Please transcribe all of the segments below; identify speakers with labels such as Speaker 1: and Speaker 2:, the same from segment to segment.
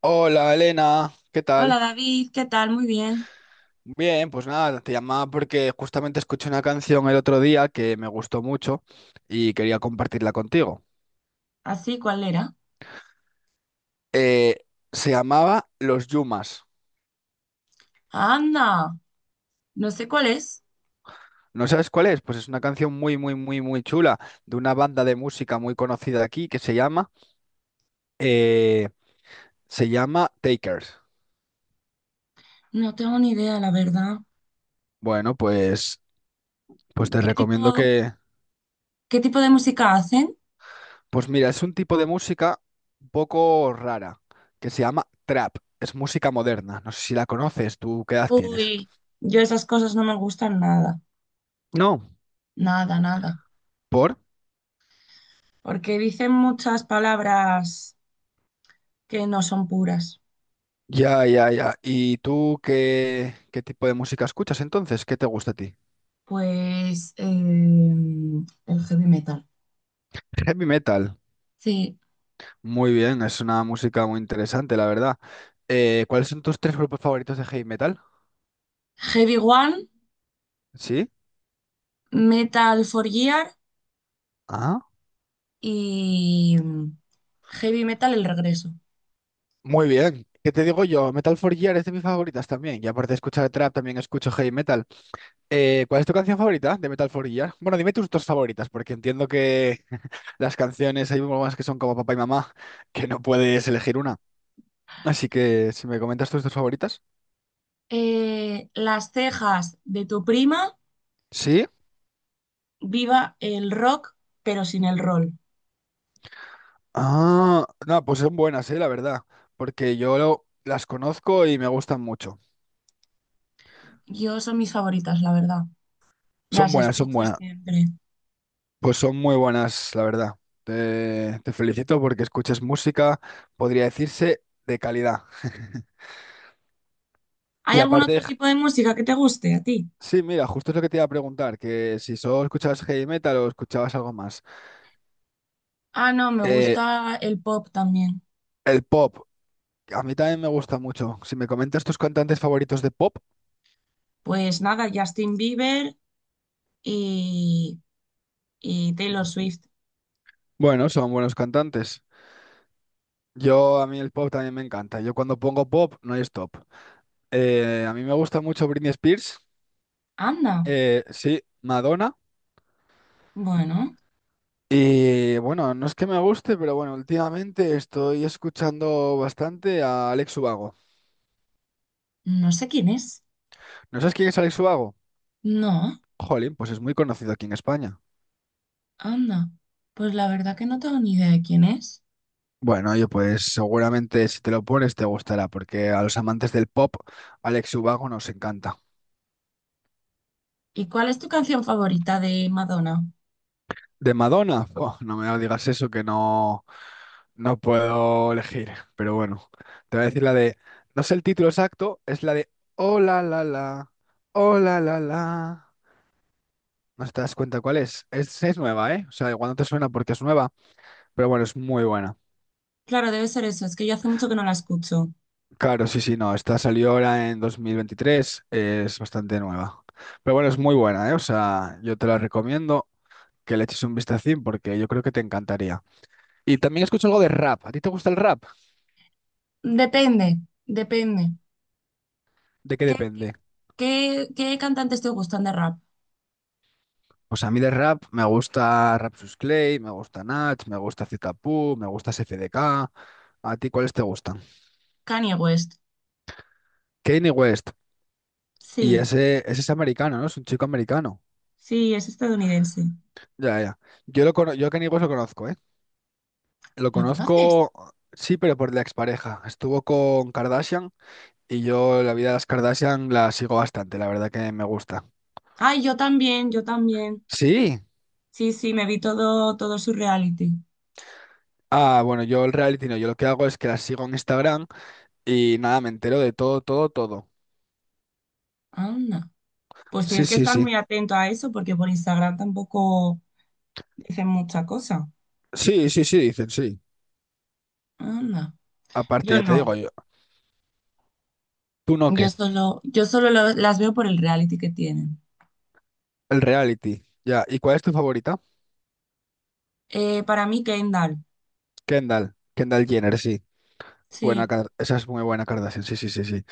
Speaker 1: Hola Elena, ¿qué
Speaker 2: Hola
Speaker 1: tal?
Speaker 2: David, ¿qué tal? Muy bien.
Speaker 1: Bien, pues nada, te llamaba porque justamente escuché una canción el otro día que me gustó mucho y quería compartirla contigo.
Speaker 2: ¿Así cuál era?
Speaker 1: Eh, Se llamaba Los Yumas.
Speaker 2: Anda, no sé cuál es.
Speaker 1: ¿No sabes cuál es? Pues es una canción muy, muy, muy, muy chula de una banda de música muy conocida aquí que eh, se llama Takers.
Speaker 2: No tengo ni idea, la verdad.
Speaker 1: Bueno, pues te
Speaker 2: ¿Qué
Speaker 1: recomiendo
Speaker 2: tipo,
Speaker 1: que...
Speaker 2: ¿qué tipo de música hacen?
Speaker 1: Pues mira, es un tipo de música un poco rara, que se llama trap. Es música moderna. No sé si la conoces, ¿tú qué edad tienes?
Speaker 2: Uy, yo esas cosas no me gustan nada,
Speaker 1: No,
Speaker 2: nada, nada.
Speaker 1: ¿por?
Speaker 2: Porque dicen muchas palabras que no son puras.
Speaker 1: Ya, ya, ya. ¿Y tú qué tipo de música escuchas entonces? ¿Qué te gusta a ti?
Speaker 2: Pues el heavy metal.
Speaker 1: Heavy metal.
Speaker 2: Sí,
Speaker 1: Muy bien, es una música muy interesante, la verdad. ¿Cuáles son tus tres grupos favoritos de heavy metal?
Speaker 2: Heavy One,
Speaker 1: ¿Sí?
Speaker 2: Metal for Gear
Speaker 1: Ah,
Speaker 2: y Heavy Metal El Regreso.
Speaker 1: muy bien. ¿Qué te digo yo? Metal for Gear es de mis favoritas también. Y aparte de escuchar trap, también escucho heavy metal. ¿Cuál es tu canción favorita de Metal for Gear? Bueno, dime tus dos favoritas, porque entiendo que las canciones hay más que son como papá y mamá, que no puedes elegir una. Así que si me comentas tus dos favoritas.
Speaker 2: Las cejas de tu prima,
Speaker 1: Sí.
Speaker 2: viva el rock, pero sin el roll.
Speaker 1: Ah, no, pues son buenas, la verdad, porque yo las conozco y me gustan mucho.
Speaker 2: Yo son mis favoritas, la verdad.
Speaker 1: Son
Speaker 2: Las
Speaker 1: buenas, son
Speaker 2: escucho
Speaker 1: buenas.
Speaker 2: siempre.
Speaker 1: Pues son muy buenas, la verdad. Te felicito porque escuchas música, podría decirse, de calidad.
Speaker 2: ¿Hay
Speaker 1: Y
Speaker 2: algún
Speaker 1: aparte,
Speaker 2: otro tipo de música que te guste a ti?
Speaker 1: sí, mira, justo es lo que te iba a preguntar, que si solo escuchabas heavy metal o escuchabas algo más.
Speaker 2: Ah, no, me
Speaker 1: Eh,
Speaker 2: gusta el pop también.
Speaker 1: el pop, a mí también me gusta mucho. Si me comentas tus cantantes favoritos de pop,
Speaker 2: Pues nada, Justin Bieber y, y Taylor Swift.
Speaker 1: bueno, son buenos cantantes. Yo, a mí el pop también me encanta. Yo cuando pongo pop, no hay stop. A mí me gusta mucho Britney Spears,
Speaker 2: Anda,
Speaker 1: sí, Madonna.
Speaker 2: bueno,
Speaker 1: Y bueno, no es que me guste, pero bueno, últimamente estoy escuchando bastante a Alex Ubago.
Speaker 2: no sé quién es.
Speaker 1: ¿No sabes quién es Alex Ubago?
Speaker 2: No,
Speaker 1: Jolín, pues es muy conocido aquí en España.
Speaker 2: anda. Pues la verdad que no tengo ni idea de quién es.
Speaker 1: Bueno, oye, pues seguramente si te lo pones te gustará, porque a los amantes del pop, Alex Ubago nos encanta.
Speaker 2: ¿Y cuál es tu canción favorita de Madonna?
Speaker 1: ¿De Madonna? Buah, no me digas eso, que no, no puedo elegir. Pero bueno, te voy a decir la de... No sé el título exacto, es la de Oh la la la, oh la la la. No te das cuenta cuál es. Es nueva, ¿eh? O sea, igual no te suena porque es nueva, pero bueno, es muy buena.
Speaker 2: Claro, debe ser eso. Es que yo hace mucho que no la escucho.
Speaker 1: Claro, sí, sí, no. Esta salió ahora en 2023, es bastante nueva. Pero bueno, es muy buena, ¿eh? O sea, yo te la recomiendo que le eches un vistacín porque yo creo que te encantaría. Y también escucho algo de rap. ¿A ti te gusta el rap?
Speaker 2: Depende, depende.
Speaker 1: ¿De qué
Speaker 2: ¿Qué, qué,
Speaker 1: depende?
Speaker 2: ¿qué cantantes te gustan de rap?
Speaker 1: Pues a mí de rap me gusta Rapsus Clay, me gusta Nach, me gusta Zetapu, me gusta SFDK. ¿A ti cuáles te gustan?
Speaker 2: Kanye West.
Speaker 1: Kanye West. Y
Speaker 2: Sí,
Speaker 1: ese es americano, ¿no? Es un chico americano.
Speaker 2: sí, es estadounidense.
Speaker 1: Ya, ya. Yo, yo a Kanye West lo conozco, ¿eh? Lo
Speaker 2: ¿Lo conoces?
Speaker 1: conozco, sí, pero por la expareja. Estuvo con Kardashian y yo la vida de las Kardashian la sigo bastante, la verdad que me gusta.
Speaker 2: Ay, yo también, yo también.
Speaker 1: Sí.
Speaker 2: Sí, sí, me vi todo, todo su reality.
Speaker 1: Ah, bueno, yo el reality no, yo lo que hago es que las sigo en Instagram y nada, me entero de todo, todo, todo.
Speaker 2: Anda. Pues
Speaker 1: Sí,
Speaker 2: tienes que
Speaker 1: sí,
Speaker 2: estar
Speaker 1: sí.
Speaker 2: muy atento a eso porque por Instagram tampoco dicen mucha cosa.
Speaker 1: Sí, sí, sí, dicen, sí.
Speaker 2: Anda.
Speaker 1: Aparte,
Speaker 2: Yo
Speaker 1: ya te
Speaker 2: no.
Speaker 1: digo yo, tú no qué,
Speaker 2: Las veo por el reality que tienen.
Speaker 1: el reality. Ya, ¿y cuál es tu favorita?
Speaker 2: Para mí, Kendall.
Speaker 1: Kendall, Kendall Jenner, sí. Buena,
Speaker 2: Sí.
Speaker 1: Esa es muy buena Kardashian, sí, sí, sí, sí.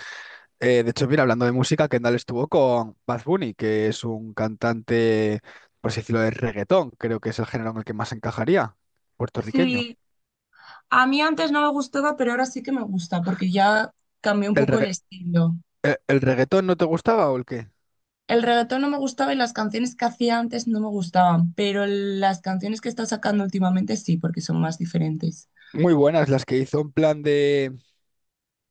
Speaker 1: De hecho, mira, hablando de música, Kendall estuvo con Bad Bunny, que es un cantante, por así decirlo, de reggaetón. Creo que es el género en el que más encajaría, puertorriqueño.
Speaker 2: Sí, a mí antes no me gustaba, pero ahora sí que me gusta, porque ya cambió un
Speaker 1: ¿El
Speaker 2: poco el
Speaker 1: regga-
Speaker 2: estilo.
Speaker 1: el reggaetón no te gustaba o el qué?
Speaker 2: El reggaetón no me gustaba y las canciones que hacía antes no me gustaban, pero las canciones que está sacando últimamente sí, porque son más diferentes.
Speaker 1: Muy buenas las que hizo en plan de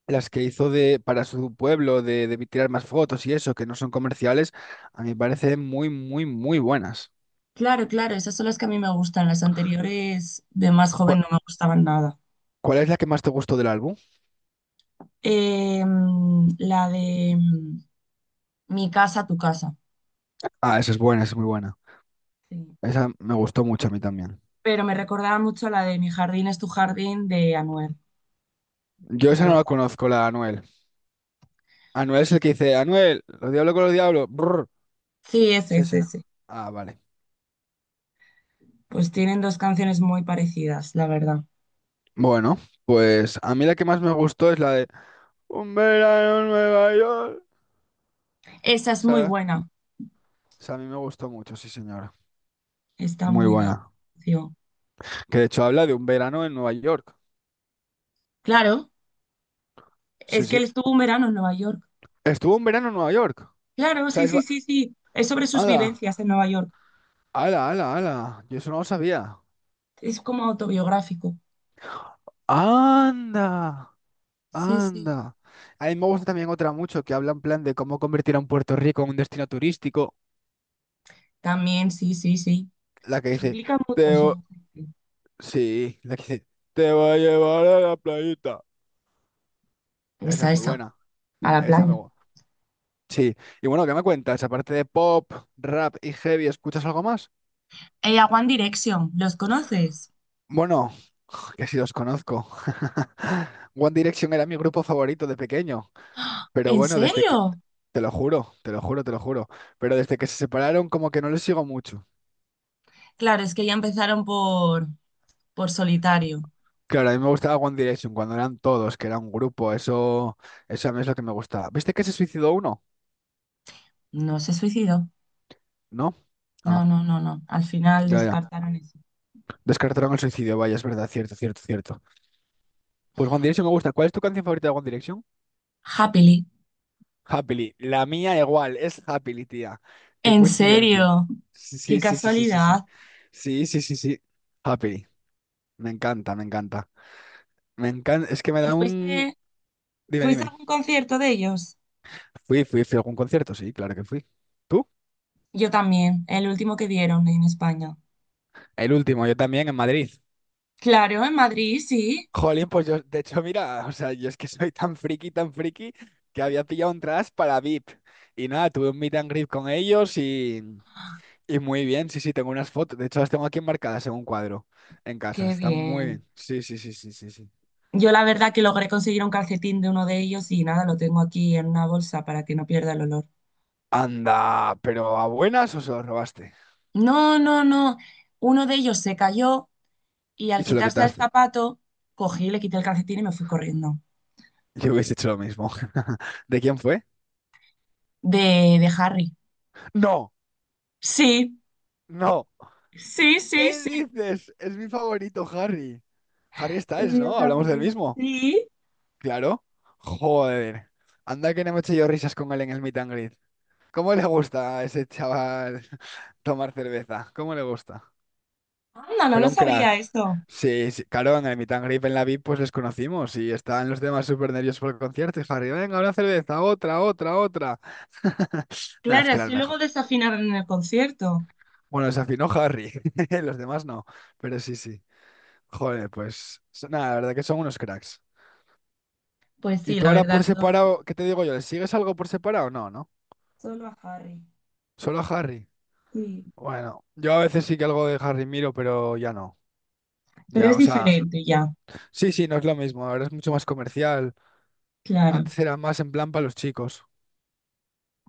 Speaker 1: las que hizo de para su pueblo de tirar más fotos y eso, que no son comerciales, a mí me parecen muy, muy, muy buenas.
Speaker 2: Claro, claro, esas son las que a mí me gustan. Las anteriores de más
Speaker 1: ¿Cu-
Speaker 2: joven no me gustaban nada.
Speaker 1: ¿Cuál es la que más te gustó del álbum?
Speaker 2: La de Mi casa, tu casa.
Speaker 1: Ah, esa es buena, esa es muy buena.
Speaker 2: Sí.
Speaker 1: Esa me gustó mucho a mí también.
Speaker 2: Pero me recordaba mucho la de Mi jardín es tu jardín de Anuel.
Speaker 1: Yo
Speaker 2: La
Speaker 1: esa no la
Speaker 2: verdad.
Speaker 1: conozco, la de Anuel. Anuel es el que dice, Anuel, los diablos con los diablos. Brr.
Speaker 2: Sí, ese,
Speaker 1: Sí, ese,
Speaker 2: ese,
Speaker 1: ¿no?
Speaker 2: ese.
Speaker 1: Ah, vale.
Speaker 2: Pues tienen dos canciones muy parecidas, la verdad.
Speaker 1: Bueno, pues a mí la que más me gustó es la de Un verano en Nueva York.
Speaker 2: Esa
Speaker 1: O
Speaker 2: es muy
Speaker 1: sea,
Speaker 2: buena,
Speaker 1: esa a mí me gustó mucho, sí, señora.
Speaker 2: está
Speaker 1: Muy
Speaker 2: muy bien.
Speaker 1: buena.
Speaker 2: Sí.
Speaker 1: Que de hecho habla de un verano en Nueva York.
Speaker 2: Claro,
Speaker 1: Sí,
Speaker 2: es que
Speaker 1: sí.
Speaker 2: él estuvo un verano en Nueva York.
Speaker 1: Estuvo un verano en Nueva York. O
Speaker 2: Claro,
Speaker 1: sea,
Speaker 2: sí,
Speaker 1: es...
Speaker 2: sí,
Speaker 1: va-
Speaker 2: sí, sí. Es sobre sus
Speaker 1: Ala,
Speaker 2: vivencias en Nueva York.
Speaker 1: ala, ala, ala. Yo eso no lo sabía.
Speaker 2: Es como autobiográfico.
Speaker 1: Anda,
Speaker 2: Sí, sí.
Speaker 1: anda. A mí me gusta también otra mucho que habla en plan de cómo convertir a un Puerto Rico en un destino turístico.
Speaker 2: También, sí, sí, sí.
Speaker 1: La que
Speaker 2: Se
Speaker 1: dice...
Speaker 2: implica mucho en su...
Speaker 1: Sí, la que dice, te voy a llevar a la playita. Esa
Speaker 2: Esa,
Speaker 1: es muy
Speaker 2: esa,
Speaker 1: buena.
Speaker 2: a la
Speaker 1: Esa me
Speaker 2: playa.
Speaker 1: gusta. Sí. Y bueno, ¿qué me cuentas? Aparte de pop, rap y heavy, ¿escuchas algo más?
Speaker 2: Ella, a One Direction, ¿los conoces?
Speaker 1: Bueno, que si los conozco. One Direction era mi grupo favorito de pequeño. Pero
Speaker 2: ¿En
Speaker 1: bueno, desde que...
Speaker 2: serio?
Speaker 1: Te lo juro, te lo juro, te lo juro. Pero desde que se separaron, como que no les sigo mucho.
Speaker 2: Claro, es que ya empezaron por solitario.
Speaker 1: Claro, a mí me gustaba One Direction cuando eran todos, que era un grupo. Eso a mí es lo que me gustaba. ¿Viste que se suicidó uno?
Speaker 2: No se suicidó.
Speaker 1: ¿No? Ah,
Speaker 2: No, no, no, no. Al final
Speaker 1: ya, ya.
Speaker 2: descartaron eso.
Speaker 1: Descartaron el suicidio, vaya, es verdad, cierto, cierto, cierto. Pues One Direction me gusta. ¿Cuál es tu canción favorita de One Direction?
Speaker 2: Happily.
Speaker 1: Happily. La mía igual, es Happily, tía. Qué
Speaker 2: ¿En
Speaker 1: coincidencia.
Speaker 2: serio?
Speaker 1: Sí,
Speaker 2: Qué
Speaker 1: sí, sí, sí, sí, sí.
Speaker 2: casualidad.
Speaker 1: Sí, sí, sí, sí, sí. Happily. Me encanta, me encanta. Me encanta, es que me
Speaker 2: ¿Y
Speaker 1: da
Speaker 2: fuiste,
Speaker 1: un... Dime,
Speaker 2: ¿fuiste a
Speaker 1: dime.
Speaker 2: algún concierto de ellos?
Speaker 1: Fui a algún concierto, sí, claro que fui. ¿Tú?
Speaker 2: Yo también, el último que dieron en España.
Speaker 1: El último, yo también en Madrid.
Speaker 2: Claro, en Madrid, sí.
Speaker 1: Jolín, pues yo, de hecho, mira, o sea, yo es que soy tan friki, que había pillado entradas para VIP. Y nada, tuve un meet and greet con ellos y... Y muy bien, sí, sí, tengo unas fotos. De hecho, las tengo aquí enmarcadas en un cuadro en casa.
Speaker 2: Qué
Speaker 1: Están muy bien.
Speaker 2: bien.
Speaker 1: Sí, sí, sí, sí, sí, sí.
Speaker 2: Yo la verdad que logré conseguir un calcetín de uno de ellos y nada, lo tengo aquí en una bolsa para que no pierda el olor.
Speaker 1: Anda, pero ¿a buenas o se lo robaste?
Speaker 2: No, no, no. Uno de ellos se cayó y al
Speaker 1: Y se lo
Speaker 2: quitarse el
Speaker 1: quitaste.
Speaker 2: zapato, cogí, le quité el calcetín y me fui corriendo.
Speaker 1: Yo hubiese hecho lo mismo. ¿De quién fue?
Speaker 2: De, de Harry.
Speaker 1: No,
Speaker 2: Sí.
Speaker 1: no.
Speaker 2: Sí, sí,
Speaker 1: ¿Qué
Speaker 2: sí.
Speaker 1: dices? Es mi favorito, Harry. Harry
Speaker 2: El
Speaker 1: Styles,
Speaker 2: mío
Speaker 1: ¿no? Hablamos del
Speaker 2: también.
Speaker 1: mismo.
Speaker 2: Sí.
Speaker 1: Claro. Joder. Anda que no me eché yo risas con él en el meet and greet. ¿Cómo le gusta a ese chaval tomar cerveza? ¿Cómo le gusta?
Speaker 2: Anda, no lo
Speaker 1: Pero un crack.
Speaker 2: sabía esto.
Speaker 1: Sí, sí, claro, en el Meet and Greet en la VIP pues les conocimos y estaban los demás súper nerviosos por el concierto. Y Harry, venga, una cerveza, otra, otra, otra. Nada, es
Speaker 2: Claro,
Speaker 1: que era el
Speaker 2: así luego
Speaker 1: mejor.
Speaker 2: desafinaron en el concierto.
Speaker 1: Bueno, se afinó Harry, los demás no, pero sí, sí. Joder, pues nada, la verdad que son unos cracks.
Speaker 2: Pues
Speaker 1: ¿Y
Speaker 2: sí,
Speaker 1: tú
Speaker 2: la
Speaker 1: ahora por
Speaker 2: verdad, son
Speaker 1: separado, qué te digo yo? ¿Le sigues algo por separado? No, ¿no?
Speaker 2: solo a Harry.
Speaker 1: Solo a Harry.
Speaker 2: Sí.
Speaker 1: Bueno, yo a veces sí que algo de Harry miro, pero ya no.
Speaker 2: Pero
Speaker 1: Ya,
Speaker 2: es
Speaker 1: o sea,
Speaker 2: diferente ya,
Speaker 1: sí, sí, no es lo mismo. Ahora es mucho más comercial.
Speaker 2: claro.
Speaker 1: Antes era más en plan para los chicos.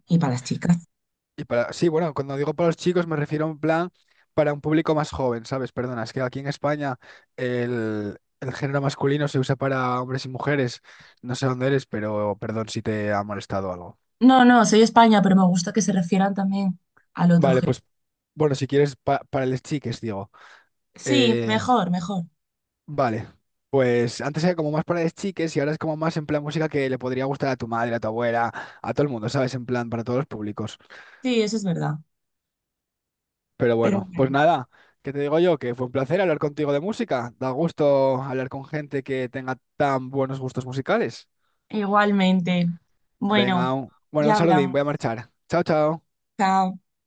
Speaker 2: Y para las chicas.
Speaker 1: Y para, sí, bueno, cuando digo para los chicos me refiero a un plan para un público más joven, ¿sabes? Perdona, es que aquí en España el género masculino se usa para hombres y mujeres. No sé dónde eres, pero perdón si te ha molestado algo.
Speaker 2: No, no, soy España, pero me gusta que se refieran también al otro
Speaker 1: Vale,
Speaker 2: género.
Speaker 1: pues bueno, si quieres para los chiques, digo.
Speaker 2: Sí,
Speaker 1: Eh,
Speaker 2: mejor, mejor.
Speaker 1: vale, pues antes era como más para los chiques y ahora es como más en plan música que le podría gustar a tu madre, a tu abuela, a todo el mundo, ¿sabes? En plan para todos los públicos.
Speaker 2: Sí, eso es verdad.
Speaker 1: Pero
Speaker 2: Pero
Speaker 1: bueno, pues
Speaker 2: bueno,
Speaker 1: nada, ¿qué te digo yo? Que fue un placer hablar contigo de música. Da gusto hablar con gente que tenga tan buenos gustos musicales.
Speaker 2: igualmente. Bueno,
Speaker 1: Venga, bueno, un
Speaker 2: ya
Speaker 1: saludín,
Speaker 2: hablamos.
Speaker 1: voy a marchar. Chao, chao.
Speaker 2: Chao.